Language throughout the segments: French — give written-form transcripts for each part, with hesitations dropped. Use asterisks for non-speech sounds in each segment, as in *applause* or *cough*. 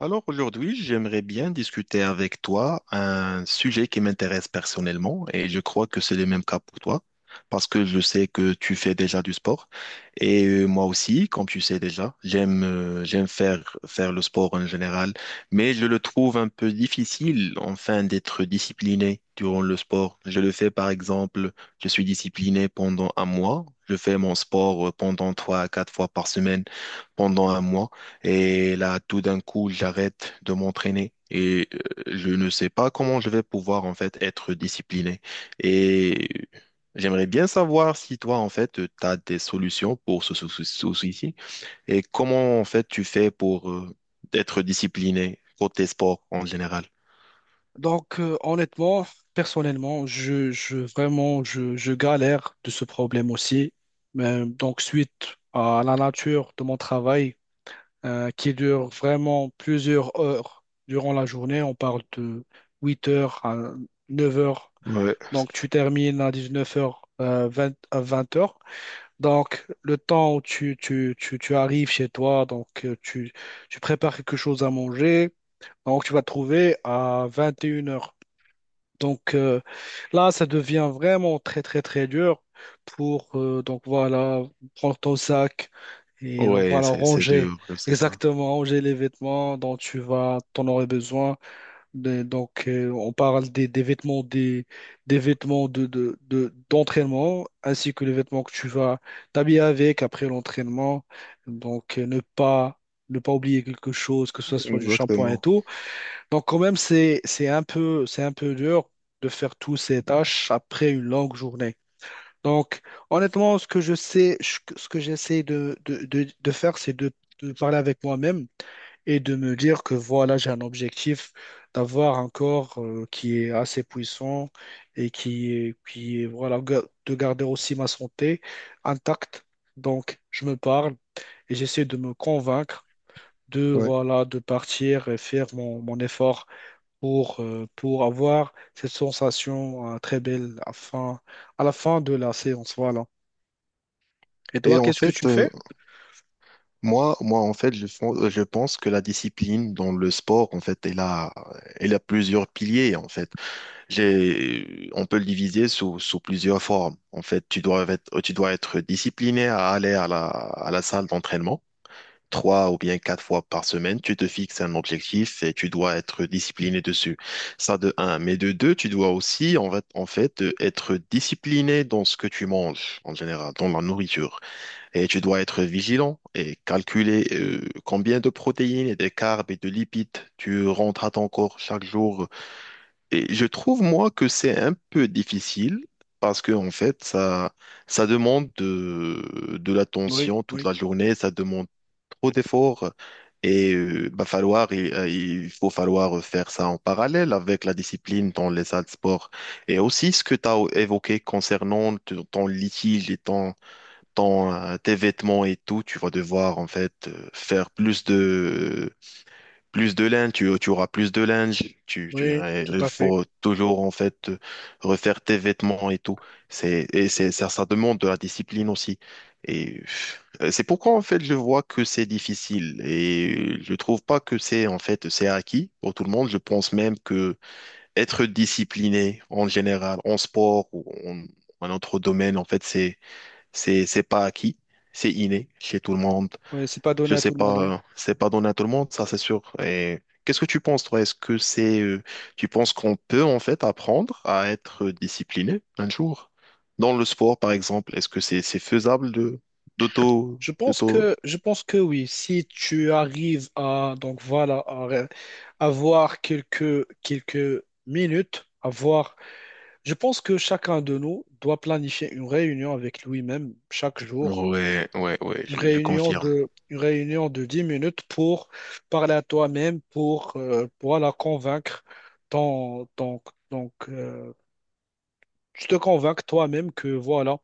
Alors aujourd'hui, j'aimerais bien discuter avec toi un sujet qui m'intéresse personnellement, et je crois que c'est le même cas pour toi parce que je sais que tu fais déjà du sport. Et moi aussi, comme tu sais déjà, j'aime faire le sport en général, mais je le trouve un peu difficile, enfin, d'être discipliné durant le sport. Je le fais par exemple, je suis discipliné pendant un mois, je fais mon sport pendant 3 à 4 fois par semaine pendant un mois. Et là, tout d'un coup, j'arrête de m'entraîner, et je ne sais pas comment je vais pouvoir en fait être discipliné. Et j'aimerais bien savoir si toi en fait tu as des solutions pour ce souci-ci, et comment en fait tu fais pour être discipliné côté sport en général. Donc, honnêtement, personnellement, je vraiment, je galère de ce problème aussi. Donc, suite à la nature de mon travail, qui dure vraiment plusieurs heures durant la journée, on parle de 8 heures à 9 heures. Ouais, Donc, tu termines à 19 h, 20 à 20 heures. Donc, le temps où tu arrives chez toi, donc tu prépares quelque chose à manger. Donc, tu vas te trouver à 21 heures. Donc euh, Là, ça devient vraiment très très très dur pour donc voilà prendre ton sac et donc ouais, voilà c'est ranger, dur, je sais ça. exactement, ranger les vêtements dont tu vas t'en aurais besoin. On parle des vêtements, des vêtements d'entraînement, ainsi que les vêtements que tu vas t'habiller avec après l'entraînement. Ne pas ne pas oublier quelque chose, que ce soit du shampoing et Exactement. tout. Donc quand même, c'est un peu, c'est un peu dur de faire toutes ces tâches après une longue journée. Donc honnêtement, ce que je sais, ce que j'essaie de faire, c'est de parler avec moi-même et de me dire que voilà, j'ai un objectif d'avoir un corps qui est assez puissant et voilà, de garder aussi ma santé intacte. Donc je me parle et j'essaie de me convaincre de, Ouais. voilà, de partir et faire mon effort pour avoir cette sensation très belle à, à la fin de la séance. Voilà. Et Et toi, en qu'est-ce que fait, tu fais? moi, en fait, je pense que la discipline dans le sport, en fait, elle a plusieurs piliers, en fait. On peut le diviser sous plusieurs formes. En fait, tu dois être discipliné à aller à la salle d'entraînement 3 ou bien 4 fois par semaine. Tu te fixes un objectif et tu dois être discipliné dessus. Ça de un. Mais de deux, tu dois aussi, en fait, être discipliné dans ce que tu manges, en général, dans la nourriture. Et tu dois être vigilant et calculer combien de protéines et de carbs et de lipides tu rentres à ton corps chaque jour. Et je trouve, moi, que c'est un peu difficile parce que, en fait, ça demande de Oui, l'attention toute oui, la journée, ça demande trop d'efforts, et bah, il faut falloir faire ça en parallèle avec la discipline dans les salles de sport. Et aussi, ce que tu as évoqué concernant ton ton litige et ton ton, tes vêtements et tout, tu vas devoir en fait faire plus de linge, tu auras plus de linge, tu oui, tout il à fait. faut toujours en fait refaire tes vêtements et tout. C'est ça, ça demande de la discipline aussi. Et c'est pourquoi en fait je vois que c'est difficile, et je trouve pas que c'est en fait c'est acquis pour tout le monde. Je pense même que être discipliné en général en sport, ou en autre domaine en fait, c'est pas acquis, c'est inné chez tout le monde. Oui, c'est pas Je donné à sais tout le monde, pas, oui. C'est pas donné à tout le monde, ça c'est sûr. Et qu'est-ce que tu penses, toi? Est-ce que tu penses qu'on peut en fait apprendre à être discipliné un jour? Dans le sport, par exemple, est-ce que c'est faisable de d'auto? Je pense que oui. Si tu arrives à, donc voilà, à avoir quelques minutes, avoir, je pense que chacun de nous doit planifier une réunion avec lui-même chaque jour, Ouais, ouais, ouais, je confirme. Une réunion de 10 minutes pour parler à toi-même, pour la convaincre. Ton, ton- donc, tu te convaincs toi-même que voilà,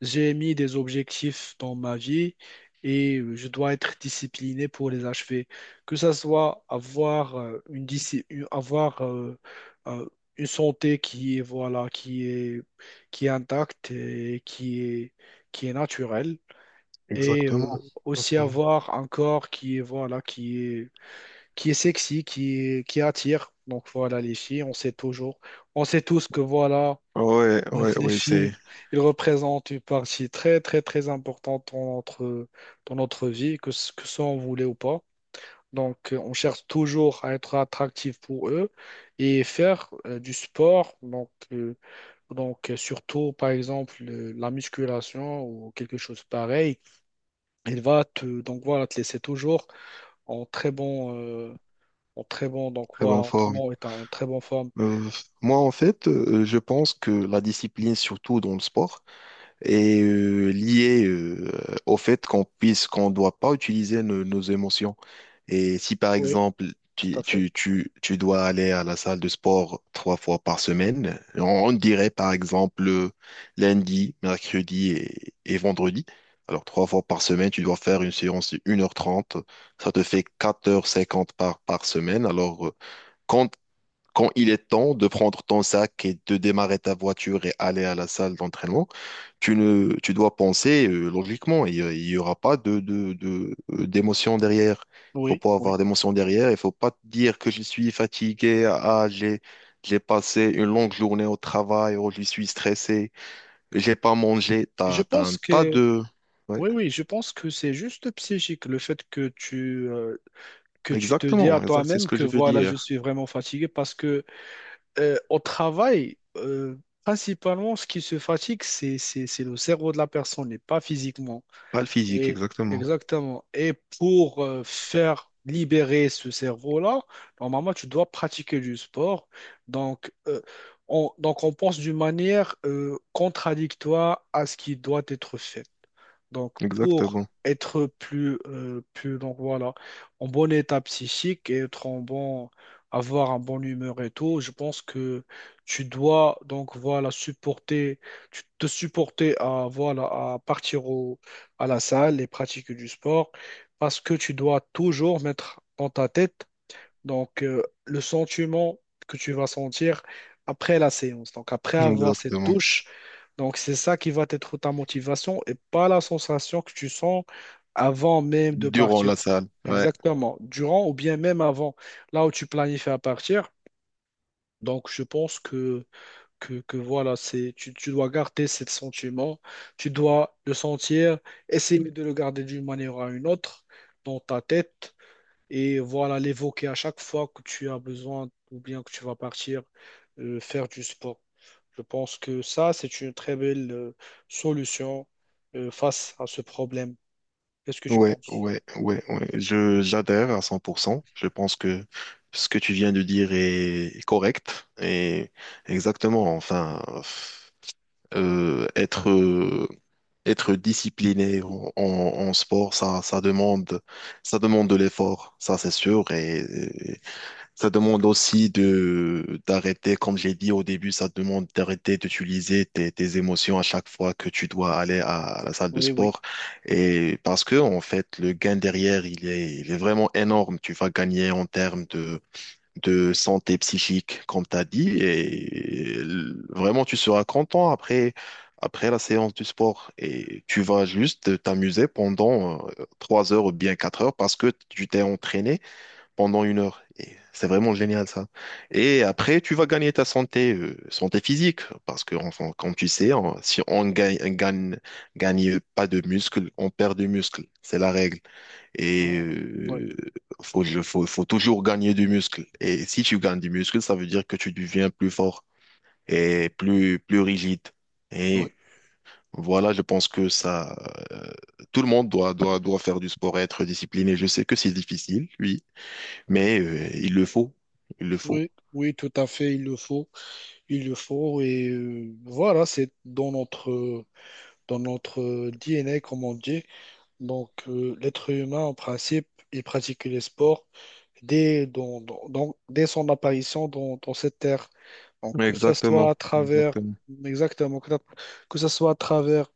j'ai mis des objectifs dans ma vie et je dois être discipliné pour les achever. Que ça soit avoir une, avoir, euh, une santé qui est, voilà, qui est intacte, et qui est naturelle, et Exactement, aussi exactement. avoir un corps qui est, voilà, qui est sexy, qui attire. Donc voilà, les filles, on sait toujours, on sait tous que voilà, Ouais, *laughs* ouais, les ouais, c'est filles, ils représentent une partie très très très importante dans notre, dans notre vie, que ce que ça on voulait ou pas. On cherche toujours à être attractif pour eux et faire du sport. Surtout, par exemple, la musculation ou quelque chose pareil, il va te, donc voilà, te laisser toujours en très bon, euh, en très bon, donc très voilà, bonne en très forme. bon état, en très bonne forme. Euh, Moi, en fait, je pense que la discipline, surtout dans le sport, et lié au fait qu'on doit pas utiliser nos émotions. Et si par Oui, exemple tout à tu, fait. tu, tu, tu dois aller à la salle de sport 3 fois par semaine, on dirait par exemple lundi, mercredi et vendredi. Alors 3 fois par semaine, tu dois faire une séance de 1h30. Ça te fait 4h50 par semaine. Alors quand quand il est temps de prendre ton sac et de démarrer ta voiture et aller à la salle d'entraînement, tu ne, tu dois penser logiquement. Il n'y aura pas d'émotion derrière. Il faut Oui, pas oui. avoir d'émotion derrière. Il faut pas te dire que je suis fatigué. Ah, j'ai passé une longue journée au travail. Oh, je suis stressé. J'ai pas mangé. Je T'as pense un tas que, de... Ouais, oui, oui, je pense que c'est juste psychique, le fait que que tu te dis à exactement. Exact, c'est ce toi-même que que je veux voilà, je dire. suis vraiment fatigué, parce que au travail, principalement, ce qui se fatigue, c'est le cerveau de la personne et pas physiquement. Pas le physique, Et exactement. exactement. Et pour faire libérer ce cerveau-là, normalement, tu dois pratiquer du sport. Donc, euh, donc on pense d'une manière contradictoire à ce qui doit être fait. Donc, pour Exactement. être plus, donc voilà, en bon état psychique, et être en bon, avoir un bon humeur et tout, je pense que tu dois, donc voilà, supporter, tu te supporter à, voilà, à partir à la salle et pratiquer du sport, parce que tu dois toujours mettre dans ta tête, le sentiment que tu vas sentir après la séance, donc après avoir cette Exactement. douche, donc c'est ça qui va être ta motivation, et pas la sensation que tu sens avant même de Durant partir. la salle. Ouais. Exactement. Durant ou bien même avant, là où tu planifies à partir. Donc, je pense que voilà, c'est, tu dois garder ce sentiment, tu dois le sentir, essayer de le garder d'une manière à une autre dans ta tête et, voilà, l'évoquer à chaque fois que tu as besoin, ou bien que tu vas partir faire du sport. Je pense que ça, c'est une très belle solution face à ce problème. Qu'est-ce que tu Ouais, penses? ouais, ouais, ouais. J'adhère à 100%. Je pense que ce que tu viens de dire est correct, et exactement. Enfin, euh, être, euh, être discipliné en en sport, ça demande de l'effort, ça c'est sûr. Et ça demande aussi de d'arrêter, comme j'ai dit au début, ça demande d'arrêter d'utiliser tes émotions à chaque fois que tu dois aller à, la salle de Oui, oui. sport. Et parce que, en fait, le gain derrière, il est vraiment énorme. Tu vas gagner en termes de santé psychique, comme tu as dit, et vraiment, tu seras content après, après la séance du sport. Et tu vas juste t'amuser pendant 3 heures ou bien 4 heures parce que tu t'es entraîné pendant 1 heure. Et c'est vraiment génial, ça. Et après, tu vas gagner ta santé, santé physique, parce que, enfin, comme tu sais, si on gagne pas de muscles, on perd du muscle. C'est la règle. Et Ouais, ouais, faut toujours gagner du muscle. Et si tu gagnes du muscle, ça veut dire que tu deviens plus fort et plus rigide. ouais. Et voilà, je pense que euh, tout le monde doit faire du sport et être discipliné. Je sais que c'est difficile, oui, mais il le faut, il le faut. Oui, oui, tout à fait, il le faut, et voilà, c'est dans notre DNA, comme on dit. Donc, l'être humain, en principe, il pratique les sports dès, dès son apparition dans, dans cette terre. Donc, que ce soit à Exactement, travers, exactement. exactement, que ce soit à travers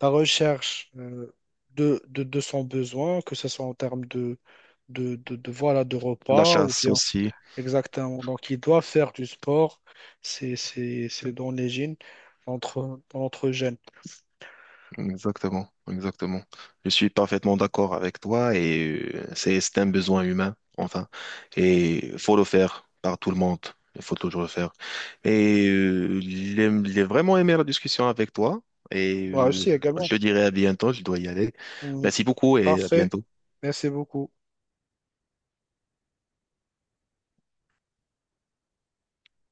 la recherche de, de son besoin, que ce soit en termes voilà, de La repas ou chasse bien, aussi, exactement. Donc, il doit faire du sport, c'est dans les gènes, entre, dans notre gène. exactement, exactement. Je suis parfaitement d'accord avec toi, et c'est un besoin humain, enfin, et il faut le faire par tout le monde. Il faut toujours le faire. Et j'ai vraiment aimé la discussion avec toi, et Moi aussi je également. te dirai à bientôt, je dois y aller. Mm. Merci beaucoup, et à Parfait, bientôt. merci beaucoup.